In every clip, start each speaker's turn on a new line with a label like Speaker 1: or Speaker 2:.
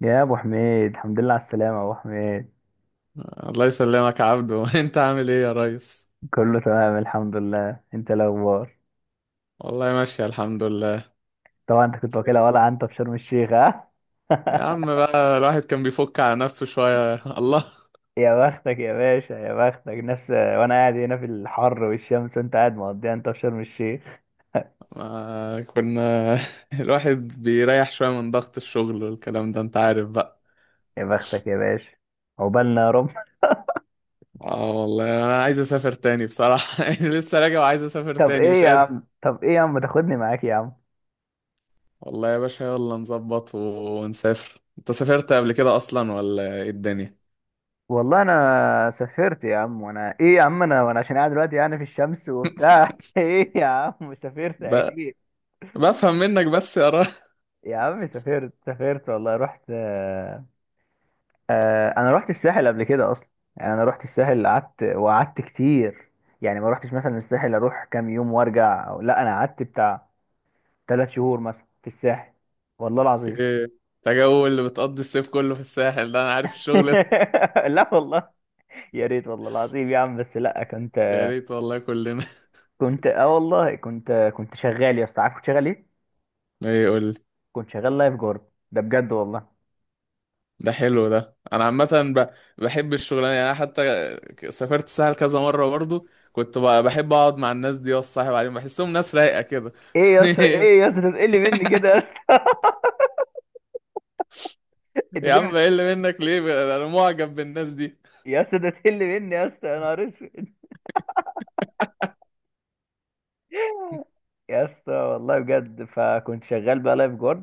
Speaker 1: يا ابو حميد، الحمد لله على السلامه يا ابو حميد.
Speaker 2: الله يسلمك يا عبدو انت عامل ايه يا ريس؟
Speaker 1: كله تمام الحمد لله. انت إيه الاخبار؟
Speaker 2: والله ماشي الحمد لله.
Speaker 1: طبعا انت كنت واكلها ولا انت في شرم الشيخ، ها؟
Speaker 2: يا عم بقى الواحد كان بيفك على نفسه شوية الله.
Speaker 1: يا بختك يا باشا، يا بختك ناس، وانا قاعد هنا في الحر والشمس وانت قاعد مقضيها انت في شرم الشيخ.
Speaker 2: ما كنا الواحد بيريح شوية من ضغط الشغل والكلام ده، انت عارف بقى.
Speaker 1: يا بختك يا باشا، عقبالنا يا رب.
Speaker 2: اه والله انا عايز اسافر تاني بصراحة يعني لسه راجع وعايز اسافر
Speaker 1: طب
Speaker 2: تاني،
Speaker 1: ايه
Speaker 2: مش
Speaker 1: يا
Speaker 2: قادر.
Speaker 1: عم طب ايه يا عم ما تاخدني معاك يا عم.
Speaker 2: والله يا باشا يلا نظبط ونسافر. انت سافرت قبل كده اصلا ولا ايه الدنيا؟
Speaker 1: والله انا سافرت يا عم، وانا ايه يا عم انا وانا عشان قاعد دلوقتي يعني في الشمس وبتاع. ايه يا عم، سافرت
Speaker 2: بقى
Speaker 1: اكيد
Speaker 2: بفهم منك بس يا...
Speaker 1: يا عم، سافرت والله، رحت. آه، انا رحت الساحل قبل كده اصلا. يعني انا رحت الساحل، قعدت كتير. يعني ما رحتش مثلا الساحل اروح كام يوم وارجع، أو لا، انا قعدت بتاع ثلاث شهور مثلا في الساحل، والله العظيم.
Speaker 2: اوكي. ده جو اللي بتقضي الصيف كله في الساحل، ده انا عارف الشغل ده.
Speaker 1: لا والله، يا ريت والله العظيم يا عم، بس لا، كنت،
Speaker 2: يا ريت والله كلنا.
Speaker 1: كنت اه والله كنت كنت شغال يا اسطى. عارف كنت شغال ايه؟
Speaker 2: ايه يقول لي؟
Speaker 1: كنت شغال لايف جارد، ده بجد والله.
Speaker 2: ده حلو، ده انا عامه ب- بحب الشغلانه، يعني انا حتى سافرت الساحل كذا مره، برضو كنت بحب اقعد مع الناس دي واصاحب عليهم، بحسهم ناس رايقه كده.
Speaker 1: ايه يا اسطى، تقل مني كده يا اسطى؟ انت
Speaker 2: يا
Speaker 1: كده
Speaker 2: عم،
Speaker 1: بت-
Speaker 2: بقل منك ليه؟ انا معجب بالناس دي.
Speaker 1: يا اسطى، ده تقل مني يا اسطى، يا نهار اسود. يا اسطى والله بجد، فكنت شغال بقى لايف جارد.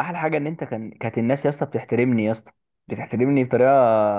Speaker 1: احلى حاجه ان انت كانت الناس يا اسطى بتحترمني يا اسطى، بتحترمني بطريقه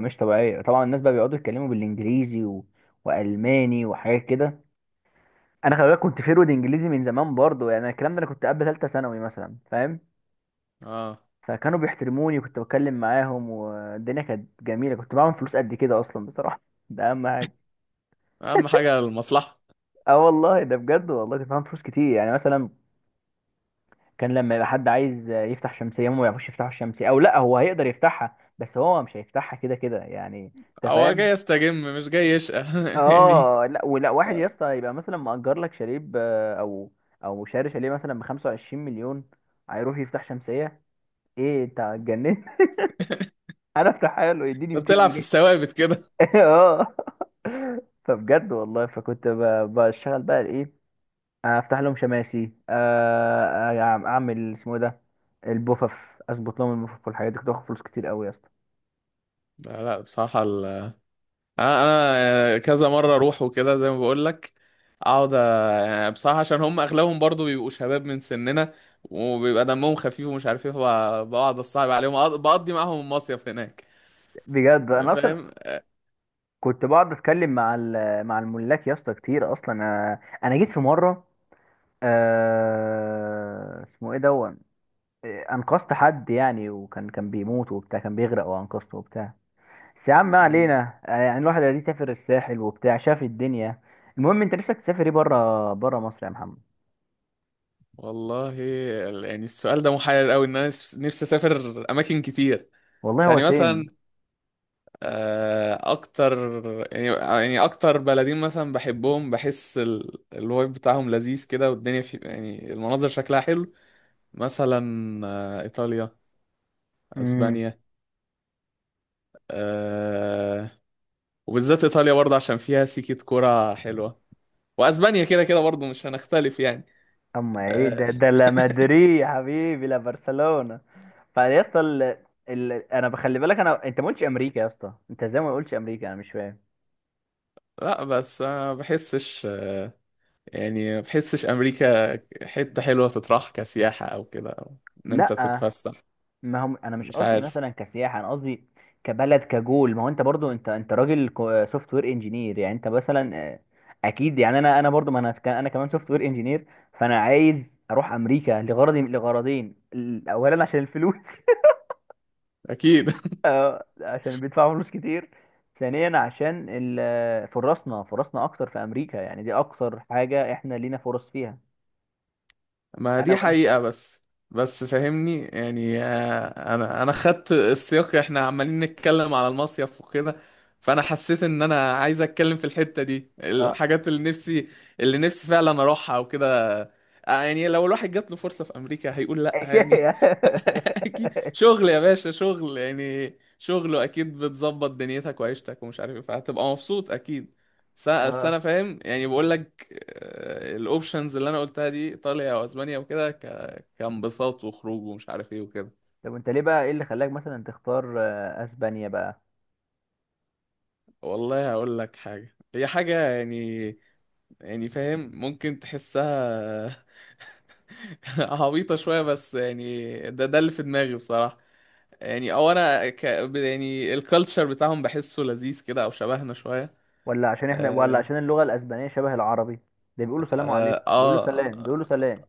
Speaker 1: مش طبيعيه. طبعا الناس بقى بيقعدوا يتكلموا بالانجليزي والماني وحاجات كده. انا خلي بالك كنت فيرود انجليزي من زمان برضه، يعني الكلام ده انا كنت قبل ثالثه ثانوي مثلا فاهم.
Speaker 2: اه،
Speaker 1: فكانوا بيحترموني وكنت بتكلم معاهم، والدنيا كانت جميله. كنت بعمل فلوس قد كده اصلا بصراحه، ده اهم حاجه.
Speaker 2: اهم حاجه المصلحه.
Speaker 1: اه والله، ده بجد والله كنت بعمل فلوس كتير. يعني مثلا كان لما يبقى حد عايز يفتح شمسية، هم ما يعرفوش يفتحوا الشمسية، او لا هو هيقدر يفتحها بس هو مش هيفتحها كده كده يعني، انت
Speaker 2: هو
Speaker 1: فاهم.
Speaker 2: جاي يستجم مش جاي يشقى يعني.
Speaker 1: اه، لا ولا واحد يا اسطى يبقى مثلا مأجر لك شاليه او او شاري شاليه مثلا ب 25 مليون، هيروح يفتح شمسية؟ ايه انت اتجننت؟ انا افتحها له يديني
Speaker 2: انت
Speaker 1: 200
Speaker 2: بتلعب في
Speaker 1: جنيه
Speaker 2: الثوابت كده.
Speaker 1: اه، فبجد والله فكنت ب- بشتغل بقى ايه؟ افتح لهم شماسي. آه، اعمل اسمه إيه ده، البوفف، اظبط لهم البوفف والحاجات دي. كنت باخد فلوس كتير قوي يا اسطى،
Speaker 2: لا لا بصراحه، انا، أنا كذا مره اروح وكده زي ما بقول لك، اقعد أ- يعني بصراحه عشان هم اغلبهم برضو بيبقوا شباب من سننا، وبيبقى دمهم خفيف ومش عارف ايه، بقعد اصعب عليهم، بقضي معاهم المصيف هناك.
Speaker 1: بجد. انا اصلا
Speaker 2: فاهم.
Speaker 1: كنت بقعد اتكلم مع مع الملاك يا اسطى كتير اصلا. انا جيت في مره، آه، اسمه ايه، دون، آه، انقذت حد يعني، وكان بيموت وبتاع، كان بيغرق، وانقذته وبتاع. بس يا عم، ما
Speaker 2: مم.
Speaker 1: علينا، آه، يعني الواحد اللي سافر الساحل وبتاع شاف الدنيا. المهم انت نفسك تسافر ايه بره، بره مصر يا محمد.
Speaker 2: والله يعني السؤال ده محير قوي، ان انا نفسي اسافر اماكن كتير.
Speaker 1: والله
Speaker 2: بس
Speaker 1: هو
Speaker 2: يعني مثلا
Speaker 1: سيم.
Speaker 2: اكتر، يعني اكتر بلدين مثلا بحبهم، بحس الوايب بتاعهم لذيذ كده، والدنيا في يعني المناظر شكلها حلو. مثلا ايطاليا، اسبانيا، أه. وبالذات ايطاليا برضه عشان فيها سيكة كرة حلوة، واسبانيا كده كده برضه مش هنختلف يعني.
Speaker 1: اما ايه
Speaker 2: أه.
Speaker 1: ده؟ لا مدريد يا حبيبي، لا برشلونة. فيا اسطى، انا بخلي بالك، انت ما قلتش امريكا يا اسطى، انت ازاي ما قلتش امريكا؟ انا مش فاهم.
Speaker 2: لا، بس انا ما بحسش، يعني ما بحسش امريكا حتة حلوة تطرح كسياحة او كده، أو ان انت
Speaker 1: لا،
Speaker 2: تتفسح،
Speaker 1: ما هم انا مش
Speaker 2: مش
Speaker 1: قصدي
Speaker 2: عارف.
Speaker 1: مثلا كسياحة، انا قصدي كبلد، كجول. ما هو انت برضو، انت راجل سوفت وير انجينير. يعني انت مثلا، آه، اكيد. يعني انا برضو، ما انا انا كمان سوفت وير انجينير. فانا عايز اروح امريكا لغرض، لغرضين. اولا عشان الفلوس،
Speaker 2: اكيد،
Speaker 1: آه، عشان بيدفعوا فلوس كتير. ثانيا عشان فرصنا، فرصنا اكتر في امريكا، يعني دي اكتر حاجه احنا لينا فرص فيها
Speaker 2: ما
Speaker 1: انا
Speaker 2: دي
Speaker 1: وانت.
Speaker 2: حقيقة، بس بس فاهمني يعني، انا خدت السياق، احنا عمالين نتكلم على المصيف وكده، فانا حسيت ان انا عايز اتكلم في الحتة دي
Speaker 1: اه،
Speaker 2: الحاجات اللي نفسي، اللي نفسي فعلا اروحها وكده. يعني لو الواحد جات له فرصة في امريكا، هيقول لا يعني؟
Speaker 1: اشياء.
Speaker 2: اكيد شغل يا باشا، شغل يعني، شغله اكيد بتظبط دنيتك وعيشتك ومش عارف ايه، فهتبقى مبسوط اكيد. س- بس
Speaker 1: اه،
Speaker 2: انا فاهم يعني، بقول لك الاوبشنز اللي انا قلتها دي ايطاليا واسبانيا وكده، كانبساط وخروج ومش عارف ايه وكده.
Speaker 1: طب انت ليه بقى، ايه اللي خلاك مثلا تختار آه اسبانيا بقى؟
Speaker 2: والله هقول لك حاجه، هي حاجه يعني، يعني فاهم ممكن تحسها عبيطه شويه، بس يعني ده اللي في دماغي بصراحه، يعني او انا يعني الكالتشر بتاعهم بحسه لذيذ كده، او شبهنا شويه.
Speaker 1: ولا عشان احنا، ولا
Speaker 2: اه،
Speaker 1: عشان اللغه الاسبانيه شبه العربي؟ ده بيقولوا سلام
Speaker 2: آه،
Speaker 1: عليكم، بيقولوا
Speaker 2: آه.
Speaker 1: سلام بيقولوا سلام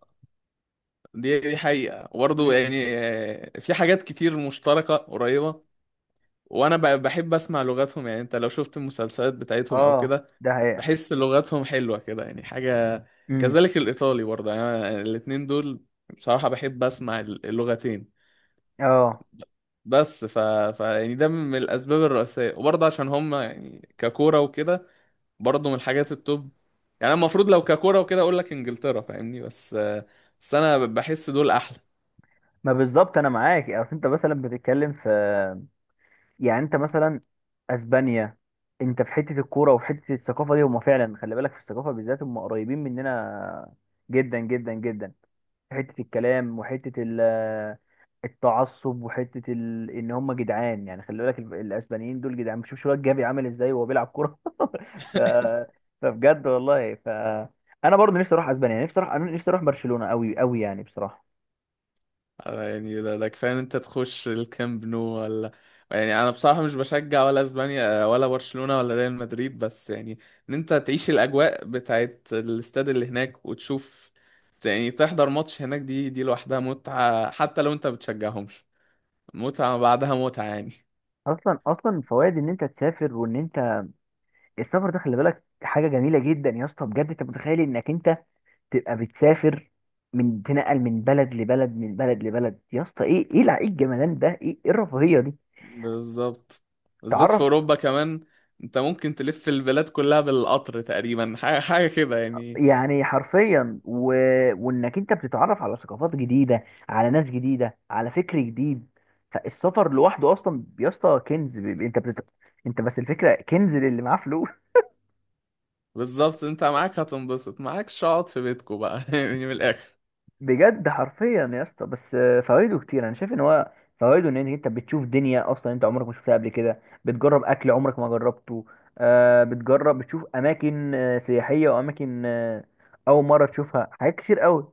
Speaker 2: دي حقيقة، وبرضه
Speaker 1: امم،
Speaker 2: يعني في حاجات كتير مشتركة قريبة. وانا بحب اسمع لغاتهم، يعني انت لو شفت المسلسلات بتاعتهم او
Speaker 1: اه،
Speaker 2: كده،
Speaker 1: ده حقيقه.
Speaker 2: بحس لغاتهم حلوة كده يعني، حاجة
Speaker 1: امم،
Speaker 2: كذلك الايطالي برضه، يعني أنا الاتنين دول بصراحة بحب اسمع اللغتين.
Speaker 1: اه،
Speaker 2: بس ف... ف يعني ده من الاسباب الرئيسية، وبرضه عشان هم يعني ككورة وكده برضه من الحاجات التوب، يعني أنا المفروض لو ككوره وكده اقول لك انجلترا، فاهمني، بس انا بحس دول احلى.
Speaker 1: ما بالظبط انا معاك. اصل انت مثلا بتتكلم في، يعني انت مثلا اسبانيا، انت في حته الكوره وفي حته الثقافه دي. هما فعلا خلي بالك، في الثقافه بالذات هما قريبين مننا جدا، جدا، جدا. في حته الكلام، وحته التعصب، ان هما جدعان. يعني خلي بالك الاسبانيين دول جدعان. شوف شو جافي عامل ازاي وهو بيلعب كوره. ف... فبجد والله، انا برضه نفسي اروح اسبانيا، نفسي اروح، انا نفسي اروح برشلونه قوي قوي يعني بصراحه.
Speaker 2: يعني ده كفايه ان انت تخش الكامب نو ولا؟ يعني انا بصراحه مش بشجع ولا اسبانيا ولا برشلونه ولا ريال مدريد، بس يعني ان انت تعيش الاجواء بتاعت الاستاد اللي هناك وتشوف، يعني تحضر ماتش هناك، دي لوحدها متعه، حتى لو انت بتشجعهمش، متعه بعدها متعه يعني.
Speaker 1: اصلا فوائد ان انت تسافر، السفر ده، خلي بالك حاجة جميلة جدا يا اسطى، بجد. انت متخيل انك انت تبقى بتسافر؟ تنقل من بلد لبلد، من بلد لبلد، يا اسطى، ايه، ايه ايه الجمدان ده؟ ايه، ايه الرفاهية دي؟
Speaker 2: بالظبط، بالذات في
Speaker 1: تعرف
Speaker 2: اوروبا كمان انت ممكن تلف البلاد كلها بالقطر تقريبا، حاجه حاجه كده يعني.
Speaker 1: يعني حرفيا، وانك انت بتتعرف على ثقافات جديدة، على ناس جديدة، على فكر جديد. فالسفر لوحده اصلا يا اسطى كنز. انت بس الفكرة، كنز للي معاه فلوس.
Speaker 2: بالظبط، انت معاك هتنبسط، معاكش اقعد في بيتكو بقى يعني، من الاخر.
Speaker 1: بجد حرفيا يا اسطى، بس آه فوائده كتير. انا شايف ان هو فوائده ان انت بتشوف دنيا اصلا انت عمرك ما شفتها قبل كده، بتجرب اكل عمرك ما جربته، آه، بتجرب، بتشوف اماكن آه سياحيه، واماكن آه اول مره تشوفها، حاجات كتير قوي.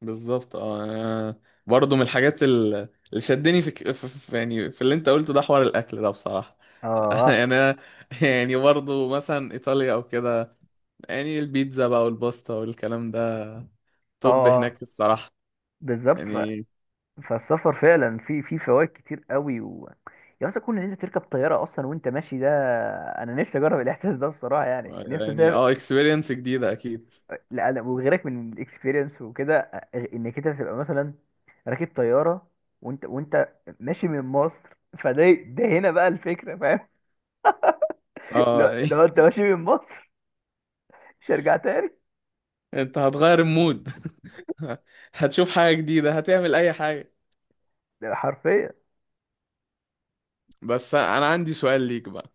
Speaker 2: بالظبط، اه. انا برضه من الحاجات اللي شدني في يعني في اللي انت قلته، ده حوار الاكل ده بصراحه.
Speaker 1: اه،
Speaker 2: يعني انا، يعني برضه مثلا ايطاليا او كده، يعني البيتزا بقى والباستا والكلام ده
Speaker 1: اه،
Speaker 2: توب
Speaker 1: اه،
Speaker 2: هناك الصراحه
Speaker 1: بالظبط.
Speaker 2: يعني.
Speaker 1: فالسفر فعلا في في فوائد كتير قوي. يا اسطى كون ان انت تركب طياره اصلا وانت ماشي، ده انا نفسي اجرب الاحساس ده بصراحه. يعني نفسي
Speaker 2: يعني
Speaker 1: اسافر،
Speaker 2: اه، اكسبيرينس جديده اكيد.
Speaker 1: لا انا وغيرك. من الاكسبيرينس وكده انك انت تبقى مثلا راكب طياره، وانت ماشي من مصر، فده هنا بقى الفكره، فاهم؟ لو
Speaker 2: اه
Speaker 1: لو انت ماشي من مصر، مش هرجع تاني.
Speaker 2: انت هتغير المود، هتشوف حاجة جديدة، هتعمل اي حاجة.
Speaker 1: ده حرفيا.
Speaker 2: بس انا عندي سؤال ليك بقى.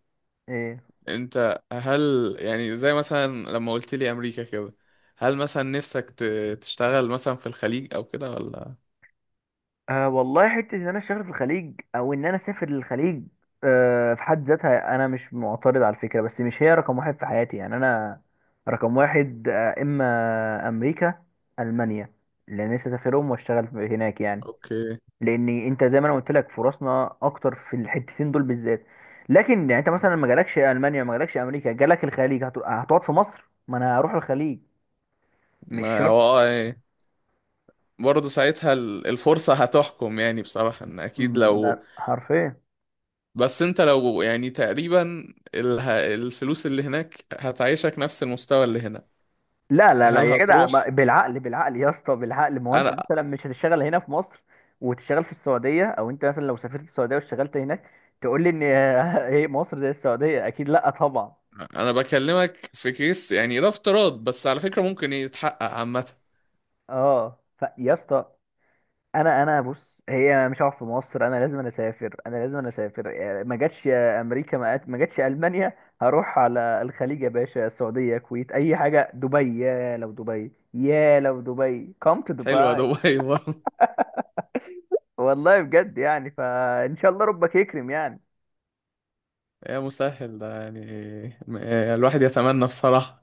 Speaker 1: ايه؟
Speaker 2: انت هل يعني زي مثلا لما قلت لي امريكا كده، هل مثلا نفسك تشتغل مثلا في الخليج او كده ولا؟
Speaker 1: آه والله، حته ان انا اشتغل في الخليج او ان انا اسافر للخليج آه في حد ذاتها انا مش معترض على الفكره، بس مش هي رقم واحد في حياتي. يعني انا رقم واحد آه اما امريكا، المانيا، لان نفسي اسافرهم واشتغل هناك يعني.
Speaker 2: اوكي.
Speaker 1: لان انت زي ما انا قلت لك، فرصنا اكتر في الحتتين دول بالذات. لكن يعني انت مثلا ما جالكش المانيا، ما جالكش امريكا، جالك الخليج، هتقعد في مصر؟ ما انا هروح الخليج، مش
Speaker 2: ما
Speaker 1: شرط.
Speaker 2: هو اه، ايه، برضه ساعتها الفرصة هتحكم يعني بصراحة، ان اكيد
Speaker 1: ده
Speaker 2: لو...
Speaker 1: حرفيا.
Speaker 2: بس انت لو يعني تقريبا الفلوس اللي هناك هتعيشك نفس المستوى اللي هنا.
Speaker 1: لا لا لا
Speaker 2: هل
Speaker 1: يا جدع،
Speaker 2: هتروح؟
Speaker 1: بالعقل، بالعقل يا اسطى، بالعقل. ما هو انت
Speaker 2: انا،
Speaker 1: مثلا مش هتشتغل هنا في مصر وتشتغل في السعوديه، او انت مثلا لو سافرت السعوديه واشتغلت هناك تقول لي ان هي مصر زي السعوديه؟ اكيد لا طبعا.
Speaker 2: بكلمك في كيس يعني، ده افتراض، بس على فكرة ممكن يتحقق عامة.
Speaker 1: اه، فيا اسطى، انا بص، هي مش هقعد في مصر، انا لازم، اسافر، انا لازم اسافر يعني. ما جاتش امريكا، ما جاتش المانيا، هروح على الخليج يا باشا. السعوديه، الكويت، اي حاجه، دبي. يا لو دبي، come to
Speaker 2: حلوة
Speaker 1: دبي.
Speaker 2: دبي برضه.
Speaker 1: والله بجد يعني، فان شاء الله ربك يكرم يعني.
Speaker 2: يا مسهل ده يعني، الواحد يتمنى بصراحة.